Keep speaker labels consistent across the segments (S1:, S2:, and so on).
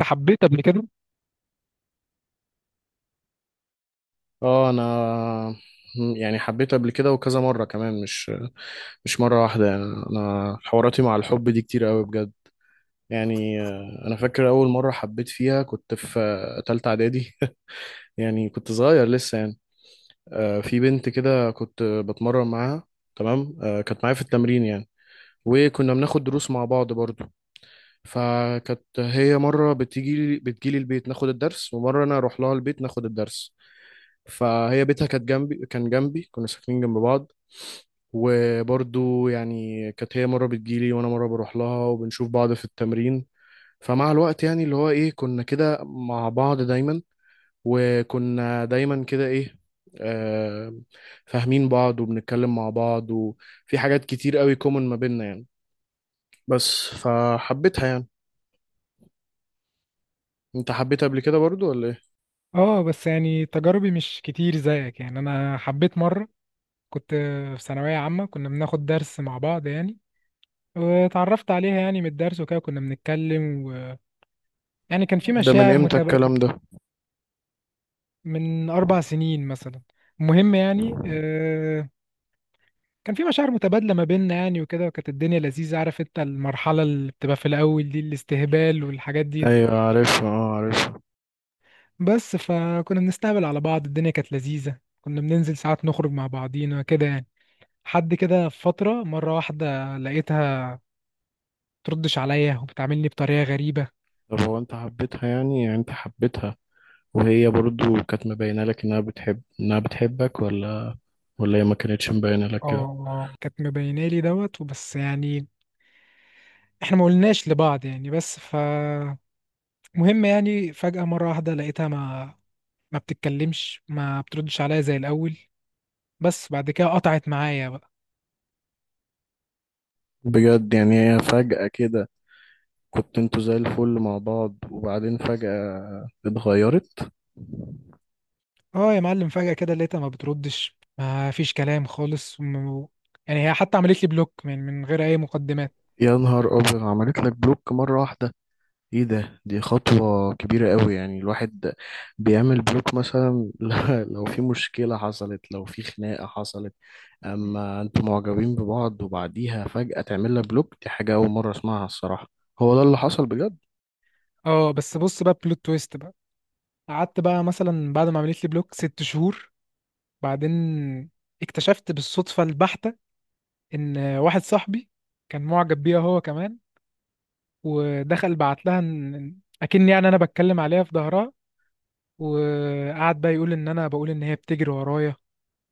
S1: انت حبيت قبل كده؟
S2: اه، انا يعني حبيت قبل كده وكذا مرة كمان، مش مرة واحدة. يعني انا حواراتي مع الحب دي كتير قوي بجد. يعني انا فاكر اول مرة حبيت فيها كنت في تالتة اعدادي يعني كنت صغير لسه يعني. في بنت كده كنت بتمرن معاها، تمام، كانت معايا في التمرين يعني. وكنا بناخد دروس مع بعض برضو. فكانت هي مرة بتيجي بتجيلي البيت ناخد الدرس، ومرة انا اروح لها البيت ناخد الدرس. فهي بيتها كان جنبي، كنا ساكنين جنب بعض. وبرضو يعني كانت هي مرة بتجيلي وأنا مرة بروح لها وبنشوف بعض في التمرين. فمع الوقت، يعني اللي هو إيه، كنا كده مع بعض دايما. وكنا دايما كده إيه، آه فاهمين بعض وبنتكلم مع بعض وفي حاجات كتير قوي كومن ما بيننا يعني. بس فحبيتها يعني. انت حبيتها قبل كده برضو، ولا ايه؟
S1: اه، بس يعني تجاربي مش كتير زيك. يعني انا حبيت مره، كنت في ثانويه عامه، كنا بناخد درس مع بعض يعني، واتعرفت عليها يعني من الدرس وكده، كنا بنتكلم و يعني كان في
S2: ده من
S1: مشاعر
S2: امتى
S1: متبادله،
S2: الكلام ده؟
S1: من 4 سنين مثلا. المهم يعني كان في مشاعر متبادله ما بيننا يعني وكده، وكانت الدنيا لذيذه. عارف انت المرحله اللي بتبقى في الاول دي، الاستهبال والحاجات دي،
S2: ايوه، عارفها، اه عارفها.
S1: بس فكنا بنستهبل على بعض. الدنيا كانت لذيذه، كنا بننزل ساعات نخرج مع بعضينا كده يعني. حد كده في فترة مرة واحدة لقيتها تردش عليا وبتعاملني بطريقة غريبة.
S2: طب هو انت حبيتها، يعني انت حبيتها؟ وهي برضو كانت مبينة لك إنها بتحبك، ولا هي ما كانتش مبينة لك
S1: اه،
S2: كده؟
S1: اه، كانت مبينة لي دوت وبس يعني، احنا ما قلناش لبعض يعني، بس ف مهم يعني. فجأة مرة واحدة لقيتها ما بتتكلمش، ما بتردش عليا زي الأول، بس بعد كده قطعت معايا بقى.
S2: بجد، يعني هي فجأة كده؟ كنت انتوا زي الفل مع بعض، وبعدين فجأة اتغيرت؟
S1: اه يا معلم، فجأة كده لقيتها ما بتردش، ما فيش كلام خالص، يعني هي حتى عملت لي بلوك من غير أي مقدمات.
S2: يا نهار أبيض، عملت لك بلوك مرة واحدة؟ ايه ده؟ دي خطوة كبيرة قوي، يعني الواحد بيعمل بلوك مثلا لو في مشكلة حصلت، لو في خناقة حصلت. اما انتوا معجبين ببعض وبعديها فجأة تعمل لك بلوك، دي حاجة أول مرة أسمعها الصراحة. هو ده اللي حصل بجد؟
S1: اه بس بص بقى، بلوت تويست بقى، قعدت بقى مثلا بعد ما عملت لي بلوك 6 شهور، بعدين اكتشفت بالصدفة البحتة إن واحد صاحبي كان معجب بيها هو كمان، ودخل بعت لها إن أكن يعني أنا بتكلم عليها في ظهرها، وقعد بقى يقول إن أنا بقول إن هي بتجري ورايا،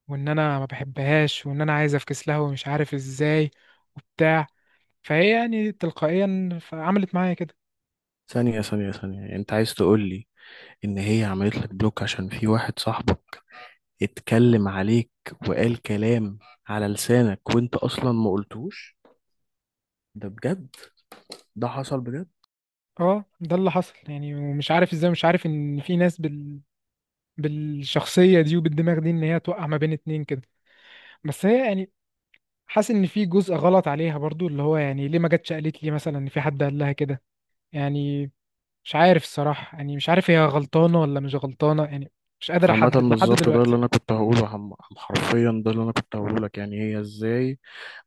S1: وإن أنا ما بحبهاش، وإن أنا عايز أفكس لها ومش عارف إزاي وبتاع. فهي يعني تلقائيا عملت معايا كده.
S2: ثانية، ثانية، ثانية. يعني انت عايز تقول لي ان هي عملت لك بلوك عشان في واحد صاحبك اتكلم عليك وقال كلام على لسانك، وانت اصلا ما قلتوش؟ ده بجد؟ ده حصل بجد؟
S1: اه ده اللي حصل يعني، ومش عارف ازاي، مش عارف ان في ناس بالشخصية دي وبالدماغ دي، ان هي توقع ما بين اتنين كده. بس هي يعني، حاسس ان في جزء غلط عليها برضو، اللي هو يعني ليه ما جاتش قالت لي مثلا ان في حد قال لها كده يعني. مش عارف الصراحة، يعني مش عارف هي غلطانة ولا مش غلطانة يعني، مش قادر
S2: عامة،
S1: احدد لحد
S2: بالظبط ده اللي
S1: دلوقتي.
S2: انا كنت هقوله عم- عم حرفيا ده اللي انا كنت هقوله لك. يعني هي ازاي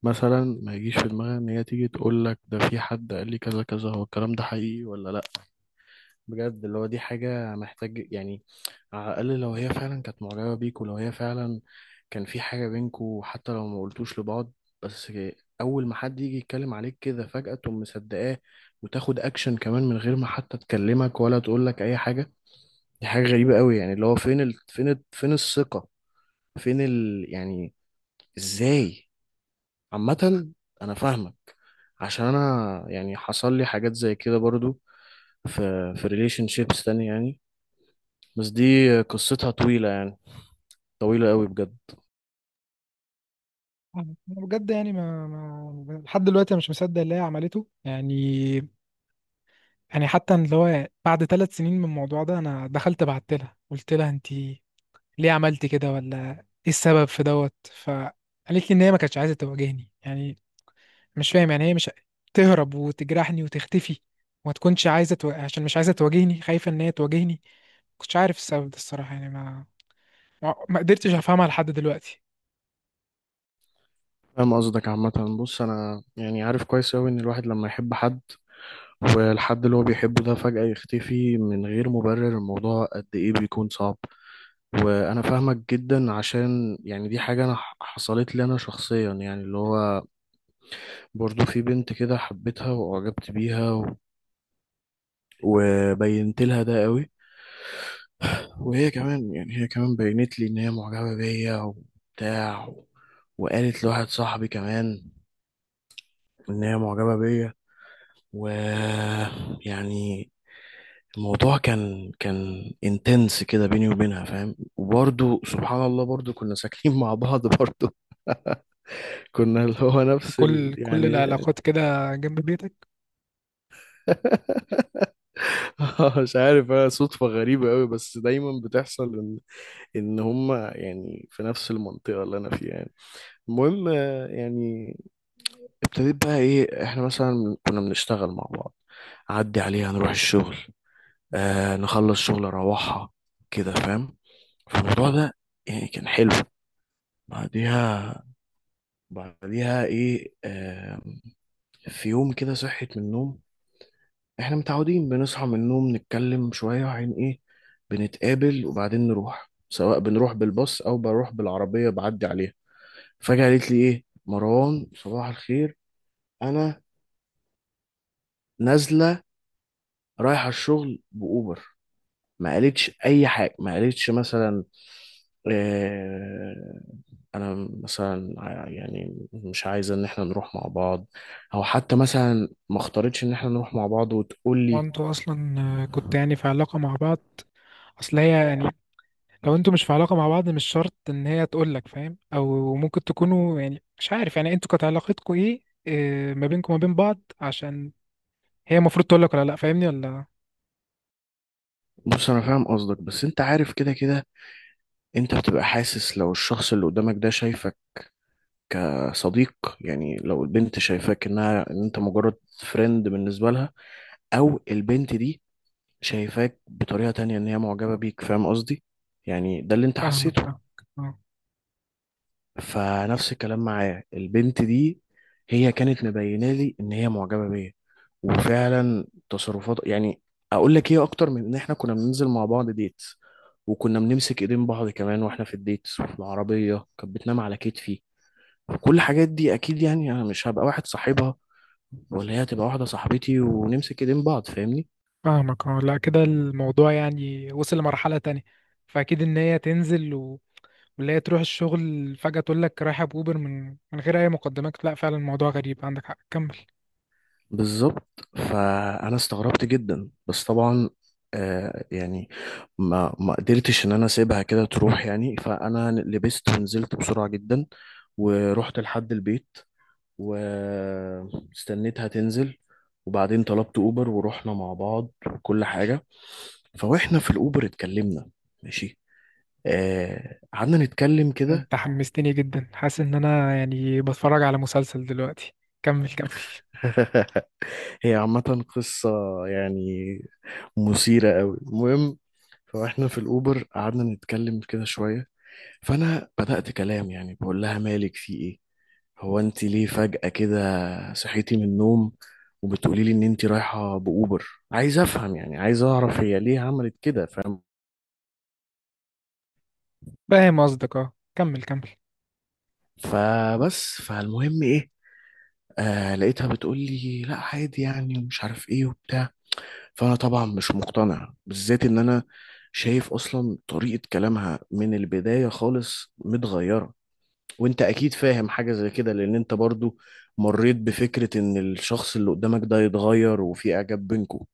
S2: مثلا ما يجيش في دماغها ان هي تيجي تقول لك ده في حد قال لي كذا كذا، هو الكلام ده حقيقي ولا لا؟ بجد، اللي هو دي حاجة محتاج يعني، على الأقل لو هي فعلا كانت معجبة بيك، ولو هي فعلا كان في حاجة بينكوا حتى لو ما قلتوش لبعض. بس أول ما حد يجي يتكلم عليك كده فجأة تقوم مصدقاه، وتاخد أكشن كمان من غير ما حتى تكلمك ولا تقول لك أي حاجة. دي حاجة غريبة قوي، يعني اللي هو فين الثقة، يعني، إزاي؟ عامة، أنا فاهمك. عشان أنا يعني حصل لي حاجات زي كده برضو، في في ريليشن شيبس تاني يعني. بس دي قصتها طويلة يعني، طويلة قوي بجد.
S1: أنا بجد يعني ما لحد دلوقتي أنا مش مصدق اللي هي عملته يعني. يعني حتى اللي هو بعد 3 سنين من الموضوع ده، انا دخلت بعت لها قلت لها: انت ليه عملت كده؟ ولا ايه السبب في دوت؟ فقالت لي ان هي ما كانتش عايزه تواجهني يعني. مش فاهم يعني، هي مش تهرب وتجرحني وتختفي وما تكونش عايزه عشان مش عايزه تواجهني، خايفه ان هي تواجهني. ما كنتش عارف السبب ده الصراحه يعني، ما قدرتش افهمها لحد دلوقتي.
S2: فاهم قصدك؟ عامة بص، أنا يعني عارف كويس قوي إن الواحد لما يحب حد، والحد اللي هو بيحبه ده فجأة يختفي من غير مبرر، الموضوع قد إيه بيكون صعب. وأنا فاهمك جدا، عشان يعني دي حاجة أنا حصلت لي أنا شخصيا، يعني اللي هو برضو في بنت كده حبيتها وأعجبت بيها وبينت لها ده قوي. وهي كمان بينت لي إن هي معجبة بيا وبتاع، وقالت لواحد صاحبي كمان ان هي معجبه بيا، و يعني الموضوع كان انتنس كده بيني وبينها، فاهم؟ وبرضو سبحان الله، برضو كنا ساكنين مع بعض برضو. كنا اللي هو نفس
S1: كل
S2: يعني.
S1: العلاقات كده جنب بيتك.
S2: مش عارف، هي صدفة غريبة قوي بس دايما بتحصل ان هما يعني في نفس المنطقة اللي انا فيها يعني. المهم، يعني ابتديت بقى ايه، احنا مثلا كنا بنشتغل مع بعض، اعدي عليها نروح الشغل، نخلص شغل اروحها كده، فاهم؟ فالموضوع ده يعني كان حلو. بعديها، ايه، في يوم كده صحيت من النوم. احنا متعودين بنصحى من النوم نتكلم شوية عن ايه، بنتقابل وبعدين نروح، سواء بنروح بالباص او بروح بالعربية بعدي عليها. فجأة قالت لي ايه، مروان صباح الخير، انا نازلة رايحة الشغل بأوبر. ما قالتش اي حاجه، ما قالتش مثلا آه، انا مثلا يعني مش عايزه ان احنا نروح مع بعض، او حتى مثلا ما اختارتش ان احنا نروح مع بعض وتقول لي.
S1: وانتوا اصلا كنت يعني في علاقه مع بعض؟ اصل هي يعني، لو انتوا مش في علاقة مع بعض مش شرط ان هي تقول لك فاهم، او ممكن تكونوا يعني مش عارف، يعني انتوا كانت علاقتكم ايه ما بينكم وما بين بعض، عشان هي المفروض تقول لك ولا لا، فاهمني ولا؟
S2: بص، انا فاهم قصدك، بس انت عارف كده كده، انت بتبقى حاسس لو الشخص اللي قدامك ده شايفك كصديق. يعني لو البنت شايفاك ان انت مجرد فريند بالنسبه لها، او البنت دي شايفاك بطريقه تانية ان هي معجبه بيك، فاهم قصدي؟ يعني ده اللي انت
S1: فاهمك،
S2: حسيته.
S1: فاهمك اه.
S2: فنفس الكلام معايا البنت دي، هي كانت مبينه لي ان هي معجبه بيا، وفعلا تصرفات، يعني اقول لك ايه، اكتر من ان احنا كنا بننزل مع بعض ديت، وكنا بنمسك ايدين بعض كمان واحنا في الديت، وفي العربيه كانت بتنام على كتفي. وكل الحاجات دي اكيد يعني انا مش هبقى واحد صاحبها ولا هي هتبقى واحده صاحبتي ونمسك ايدين بعض، فاهمني؟
S1: فاهمك اه، لا كده الموضوع يعني وصل لمرحلة تانية. فاكيد ان هي تنزل و ولا هي تروح الشغل فجأة تقول لك رايحة بأوبر من غير اي مقدمات، لا فعلا الموضوع غريب، عندك حق، كمل.
S2: بالظبط، فانا استغربت جدا، بس طبعا يعني ما قدرتش ان انا اسيبها كده تروح يعني، فانا لبست ونزلت بسرعه جدا، ورحت لحد البيت واستنيتها تنزل، وبعدين طلبت اوبر ورحنا مع بعض وكل حاجه. فواحنا في الاوبر اتكلمنا، ماشي، قعدنا نتكلم كده.
S1: انت حمستني جدا، حاسس ان انا يعني بتفرج على مسلسل دلوقتي، كمل كمل.
S2: هي عامه قصه يعني مثيرة قوي، المهم فاحنا في الأوبر قعدنا نتكلم كده شوية، فأنا بدأت كلام يعني، بقول لها مالك في إيه؟ هو أنت ليه فجأة كده صحيتي من النوم وبتقولي لي إن أنت رايحة بأوبر؟ عايز أفهم، يعني عايز أعرف هي ليه عملت كده، فاهم؟
S1: فاهم قصدك اه، كمل كمل.
S2: فبس فالمهم إيه، لقيتها بتقول لي لا عادي يعني ومش عارف إيه وبتاع. فأنا طبعا مش مقتنع، بالذات إن أنا شايف أصلا طريقة كلامها من البداية خالص متغيرة. وانت اكيد فاهم حاجة زي كده، لان انت برضو مريت بفكرة ان الشخص اللي قدامك ده يتغير وفي اعجاب بينكم.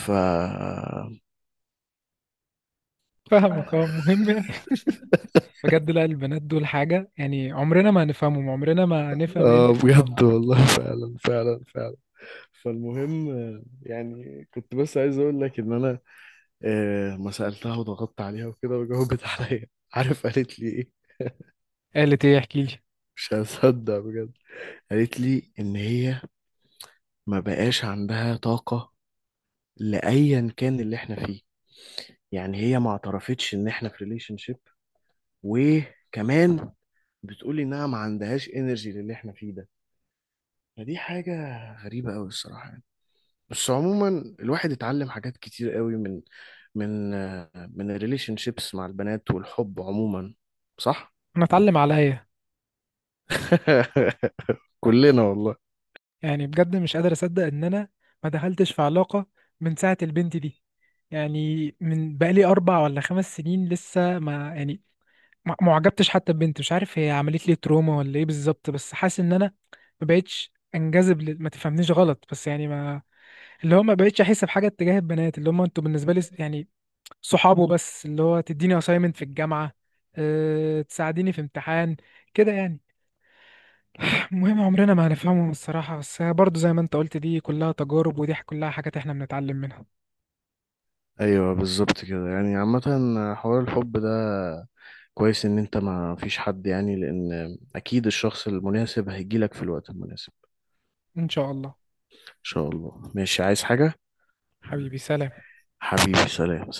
S2: ف اه
S1: فاهمك اه مهم يعني. بجد لا، البنات دول حاجة، يعني عمرنا ما هنفهمهم، عمرنا ما هنفهم ايه اللي في دماغهم.
S2: بجد والله فعلا، فعلا، فعلا. فالمهم، يعني كنت بس عايز اقول لك ان انا ما سالتها وضغطت عليها وكده، وجاوبت عليا. عارف قالت لي ايه؟
S1: قالت ايه؟ احكي لي.
S2: مش هصدق بجد. قالت لي ان هي ما بقاش عندها طاقه لايا كان اللي احنا فيه. يعني هي ما اعترفتش ان احنا في ريليشن، وكمان بتقولي انها ما عندهاش انرجي للي احنا فيه ده. فدي حاجة غريبة قوي الصراحة يعني. بس عموما الواحد اتعلم حاجات كتير قوي من الريليشن شيبس مع البنات والحب عموما، صح؟
S1: انا اتعلم عليا.
S2: كلنا والله.
S1: يعني بجد مش قادر اصدق ان انا ما دخلتش في علاقة من ساعة البنت دي، يعني من بقالي 4 ولا 5 سنين لسه، ما يعني ما عجبتش حتى ببنت. مش عارف هي عملت لي تروما ولا ايه بالظبط، بس حاسس ان انا ما بقتش انجذب ما تفهمنيش غلط، بس يعني ما، اللي هو ما بقتش احس بحاجه اتجاه البنات، اللي هم انتوا بالنسبه لي يعني صحابه بس، اللي هو تديني اسايمنت في الجامعه، أه تساعديني في امتحان كده يعني. المهم عمرنا ما هنفهمهم الصراحه، بس برضو زي ما انت قلت، دي كلها تجارب ودي كلها حاجات احنا بنتعلم منها.
S2: ايوه، بالظبط كده يعني، عامة حوار الحب ده كويس ان انت ما فيش حد، يعني لان اكيد الشخص المناسب هيجيلك في الوقت المناسب.
S1: ان شاء الله.
S2: ان شاء الله. ماشي، عايز حاجة؟
S1: حبيبي سلام.
S2: حبيبي، سلام.